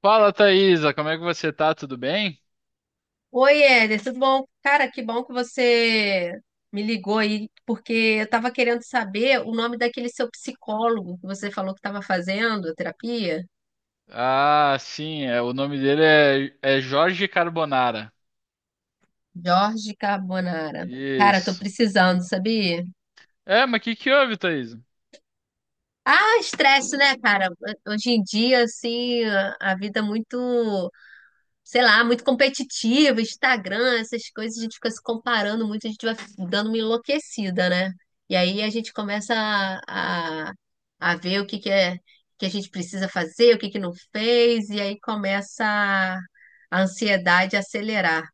Fala, Thaisa, como é que você tá? Tudo bem? Oi, Éder, tudo bom? Cara, que bom que você me ligou aí, porque eu estava querendo saber o nome daquele seu psicólogo que você falou que estava fazendo terapia, Ah, sim, o nome dele é, é Jorge Carbonara. Jorge Carbonara. Cara, tô Isso. precisando, sabia? É, mas o que que houve, Thaisa? Ah, estresse, né, cara? Hoje em dia, assim, a vida é muito, sei lá, muito competitivo, Instagram, essas coisas, a gente fica se comparando muito, a gente vai dando uma enlouquecida, né? E aí a gente começa a ver o que que é que a gente precisa fazer, o que que não fez, e aí começa a ansiedade a acelerar.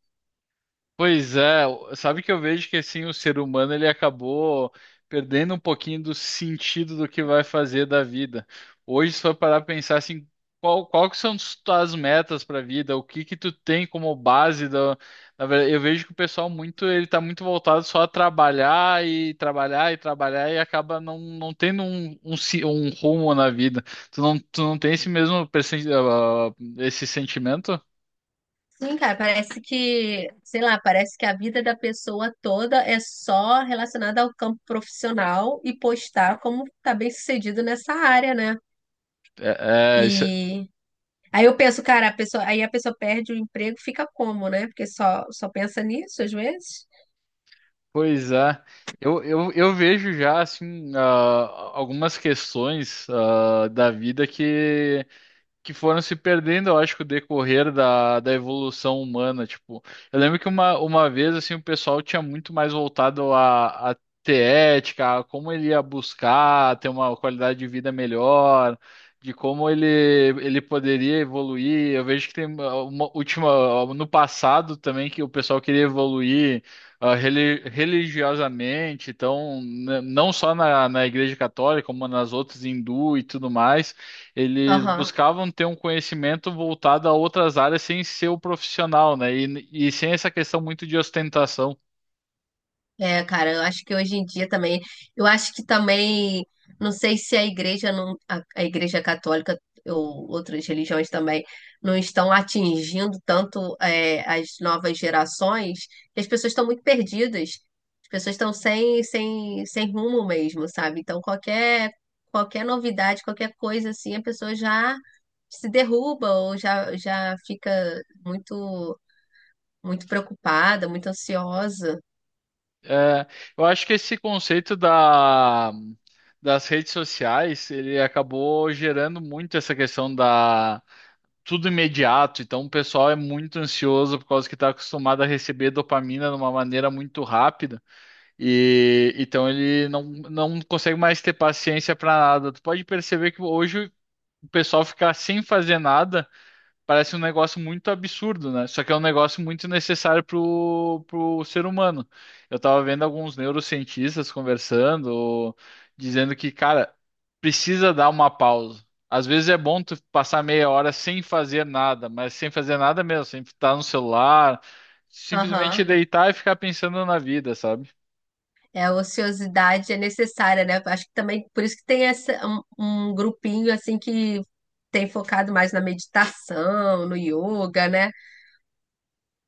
Pois é, sabe que eu vejo que assim o ser humano ele acabou perdendo um pouquinho do sentido do que vai fazer da vida. Hoje, se for parar pra pensar assim, qual que são as tuas metas para a vida, o que que tu tem como base da, na verdade, eu vejo que o pessoal muito ele tá muito voltado só a trabalhar e trabalhar e trabalhar e acaba não tendo um rumo na vida. Tu não tem esse mesmo esse sentimento? Sim, cara, parece que, sei lá, parece que a vida da pessoa toda é só relacionada ao campo profissional e postar como tá bem sucedido nessa área, né? É, é, isso- e Aí eu penso, cara, a pessoa, aí a pessoa perde o emprego, fica como, né? Porque só pensa nisso às vezes. Pois é, eu vejo já assim algumas questões da vida que foram se perdendo, eu acho, com o decorrer da, da evolução humana, tipo, eu lembro que uma vez, assim, o pessoal tinha muito mais voltado a ter ética, a como ele ia buscar ter uma qualidade de vida melhor, de como ele, ele poderia evoluir, eu vejo que tem uma última, no passado também, que o pessoal queria evoluir religiosamente, então, não só na Igreja Católica, como nas outras, hindu e tudo mais, eles Aham. buscavam ter um conhecimento voltado a outras áreas sem ser o profissional, né? E sem essa questão muito de ostentação. É, cara, eu acho que hoje em dia também, eu acho que também, não sei se a igreja não, a igreja católica ou outras religiões também não estão atingindo tanto, é, as novas gerações, e as pessoas estão muito perdidas, as pessoas estão sem rumo mesmo, sabe? Então qualquer novidade, qualquer coisa assim, a pessoa já se derruba ou já, já fica muito, muito preocupada, muito ansiosa. É, eu acho que esse conceito das redes sociais, ele acabou gerando muito essa questão da tudo imediato. Então, o pessoal é muito ansioso por causa que está acostumado a receber dopamina de uma maneira muito rápida. E então ele não consegue mais ter paciência para nada. Tu pode perceber que hoje o pessoal ficar sem fazer nada parece um negócio muito absurdo, né? Só que é um negócio muito necessário pro ser humano. Eu tava vendo alguns neurocientistas conversando, dizendo que, cara, precisa dar uma pausa. Às vezes é bom tu passar meia hora sem fazer nada, mas sem fazer nada mesmo, sem estar no celular, Aham. simplesmente deitar e ficar pensando na vida, sabe? É, a ociosidade é necessária, né? Acho que também por isso que tem essa, um grupinho assim que tem focado mais na meditação, no yoga, né?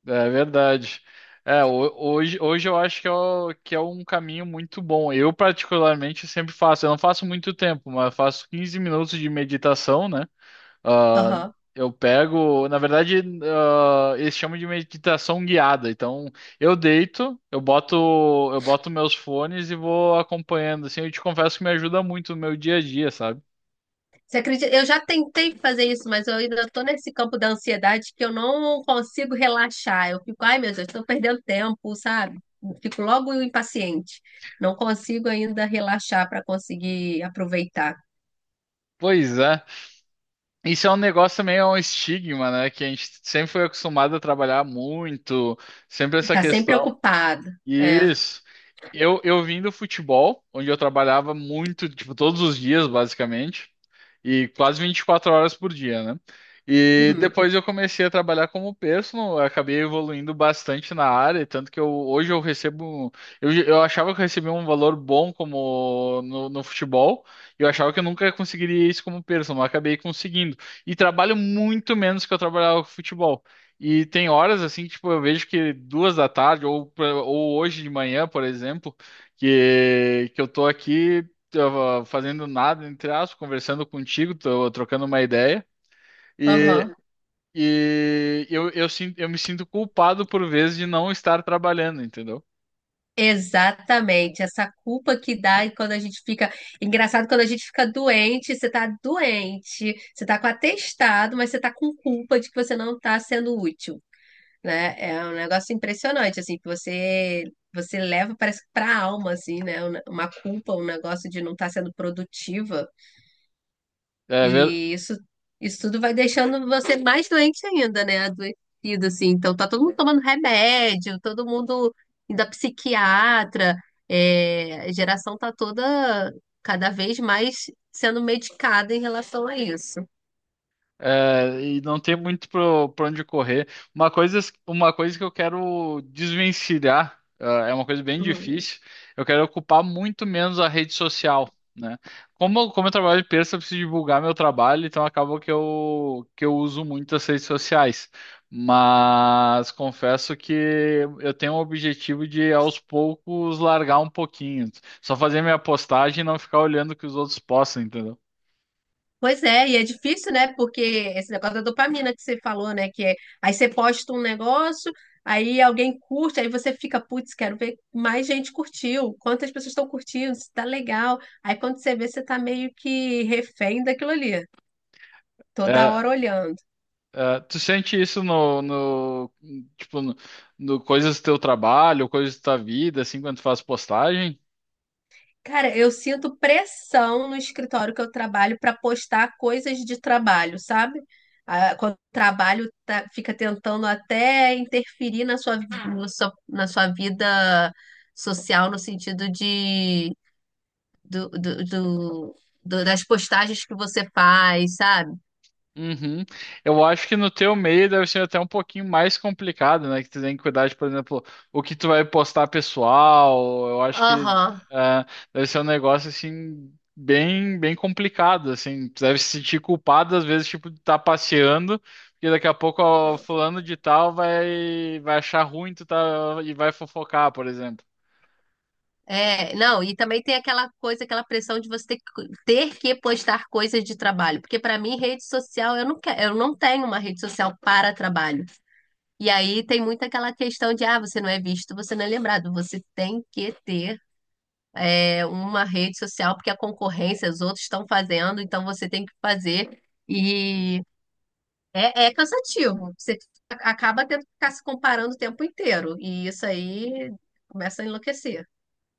É verdade. É, hoje eu acho que que é um caminho muito bom. Eu, particularmente, sempre faço. Eu não faço muito tempo, mas faço 15 minutos de meditação, né? Ah, Aham. eu pego, na verdade, ah, eles chamam de meditação guiada. Então, eu deito, eu boto, eu boto meus fones e vou acompanhando. Assim, eu te confesso que me ajuda muito no meu dia a dia, sabe? Você acredita? Eu já tentei fazer isso, mas eu ainda estou nesse campo da ansiedade que eu não consigo relaxar. Eu fico, ai meu Deus, estou perdendo tempo, sabe? Fico logo impaciente. Não consigo ainda relaxar para conseguir aproveitar. Pois é. Isso é um negócio meio um estigma, né? Que a gente sempre foi acostumado a trabalhar muito, sempre essa Tá sempre questão. ocupado. É. Isso. Eu vim do futebol, onde eu trabalhava muito, tipo, todos os dias, basicamente, e quase 24 horas por dia, né? E Uhum. depois eu comecei a trabalhar como personal, eu acabei evoluindo bastante na área, tanto que eu, hoje eu recebo. Eu achava que eu recebia um valor bom como no futebol, e eu achava que eu nunca conseguiria isso como personal, mas acabei conseguindo. E trabalho muito menos que eu trabalhava com futebol. E tem horas assim, tipo, eu vejo que duas da tarde, ou hoje de manhã, por exemplo, que eu tô aqui eu, fazendo nada, entre aspas, conversando contigo, tô trocando uma ideia, e, Aham. Eu me sinto culpado por vezes de não estar trabalhando, entendeu? Exatamente, essa culpa que dá e quando a gente fica. Engraçado, quando a gente fica doente, você tá com atestado, mas você tá com culpa de que você não tá sendo útil, né? É um negócio impressionante, assim, que você leva, parece que pra alma, assim, né? Uma culpa, um negócio de não estar sendo produtiva. É, ver- E isso tudo vai deixando você mais doente ainda, né? Adoecido, assim. Então, tá todo mundo tomando remédio, todo mundo indo a psiquiatra. É, a geração tá toda cada vez mais sendo medicada em relação a isso. É, e não tem muito para pra onde correr. Uma coisa, uma coisa que eu quero desvencilhar, ah, é uma coisa bem Uhum. difícil. Eu quero ocupar muito menos a rede social, né? Como eu trabalho de terça, eu preciso divulgar meu trabalho, então acaba que eu uso muito as redes sociais. Mas confesso que eu tenho o objetivo de, aos poucos, largar um pouquinho. Só fazer minha postagem e não ficar olhando o que os outros postam, entendeu? Pois é, e é difícil, né? Porque esse negócio da dopamina que você falou, né? Que é, aí você posta um negócio, aí alguém curte, aí você fica, putz, quero ver mais gente curtiu, quantas pessoas estão curtindo, se tá legal. Aí quando você vê, você tá meio que refém daquilo ali, toda É, hora olhando. É, tu sente isso tipo no, no coisas do teu trabalho, coisas da tua vida, assim, quando tu faz postagem? Cara, eu sinto pressão no escritório que eu trabalho para postar coisas de trabalho, sabe? Ah, quando o trabalho fica tentando até interferir na sua, no na sua vida social, no sentido de do, do, do- do- das postagens que você faz, sabe? Uhum. Eu acho que no teu meio deve ser até um pouquinho mais complicado, né? Que tu tem que cuidar de, por exemplo, o que tu vai postar pessoal. Eu acho que Aham. é, deve ser um negócio assim bem bem complicado, assim. Tu deve se sentir culpado às vezes, tipo, de estar passeando. Porque daqui a pouco ó, fulano de tal vai achar ruim tu tá, e vai fofocar, por exemplo. É, não, e também tem aquela coisa, aquela pressão de você ter que postar coisas de trabalho, porque para mim rede social, eu não, eu não tenho uma rede social para trabalho. E aí tem muito aquela questão de, ah, você não é visto, você não é lembrado. Você tem que ter, é, uma rede social, porque a concorrência, os outros estão fazendo, então você tem que fazer. E é, é cansativo. Você acaba tendo que ficar se comparando o tempo inteiro. E isso aí começa a enlouquecer.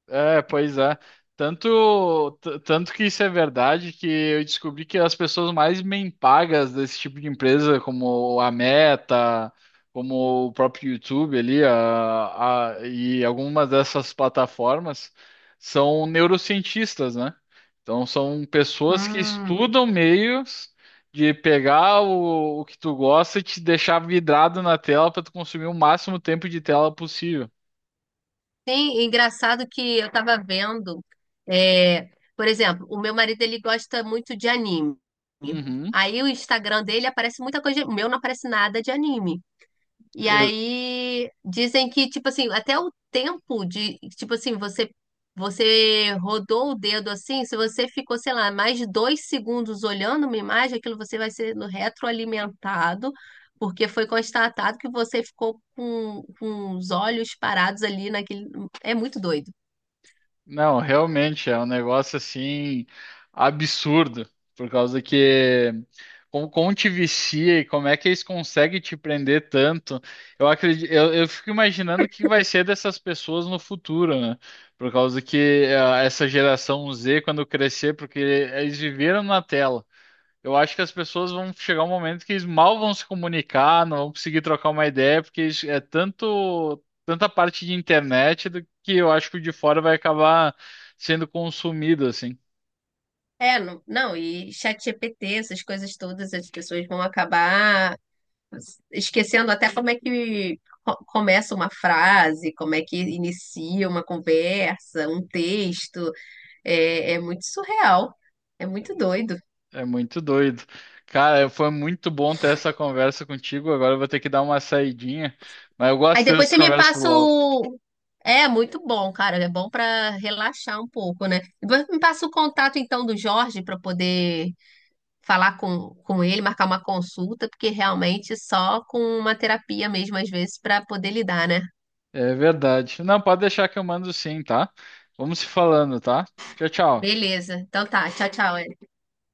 É, pois é. Tanto que isso é verdade que eu descobri que as pessoas mais bem pagas desse tipo de empresa, como a Meta, como o próprio YouTube ali, e algumas dessas plataformas, são neurocientistas, né? Então são pessoas que Hum. estudam meios de pegar o que tu gosta e te deixar vidrado na tela para tu consumir o máximo tempo de tela possível. Sim, engraçado que eu tava vendo, é, por exemplo, o meu marido ele gosta muito de anime. Uhum. Aí o Instagram dele aparece muita coisa, o meu não aparece nada de anime. E aí dizem que, tipo assim, até o tempo de, tipo assim, você rodou o dedo assim, se você ficou, sei lá, mais de 2 segundos olhando uma imagem, aquilo você vai sendo retroalimentado, porque foi constatado que você ficou com os olhos parados ali naquele. É muito doido. Não, realmente é um negócio assim absurdo, por causa que como te vicia e como é que eles conseguem te prender tanto? Eu acredito, eu fico imaginando o que vai ser dessas pessoas no futuro, né? Por causa que ah, essa geração Z, quando crescer, porque eles viveram na tela. Eu acho que as pessoas vão chegar um momento que eles mal vão se comunicar, não vão conseguir trocar uma ideia, porque eles- é tanto tanta parte de internet do que eu acho que o de fora vai acabar sendo consumido assim. É, não, não, e ChatGPT, essas coisas todas, as pessoas vão acabar esquecendo até como é que começa uma frase, como é que inicia uma conversa, um texto. É, é muito surreal, é muito doido. É muito doido. Cara, foi muito bom ter essa conversa contigo. Agora eu vou ter que dar uma saidinha, mas eu Aí gosto depois dessas você me conversas por passa LOL. o. É muito bom, cara. É bom para relaxar um pouco, né? Depois me passa o contato então do Jorge para poder falar com ele, marcar uma consulta, porque realmente só com uma terapia mesmo às vezes para poder lidar, né? É verdade. Não, pode deixar que eu mando sim, tá? Vamos se falando, tá? Tchau, tchau. Beleza. Então tá. Tchau, tchau.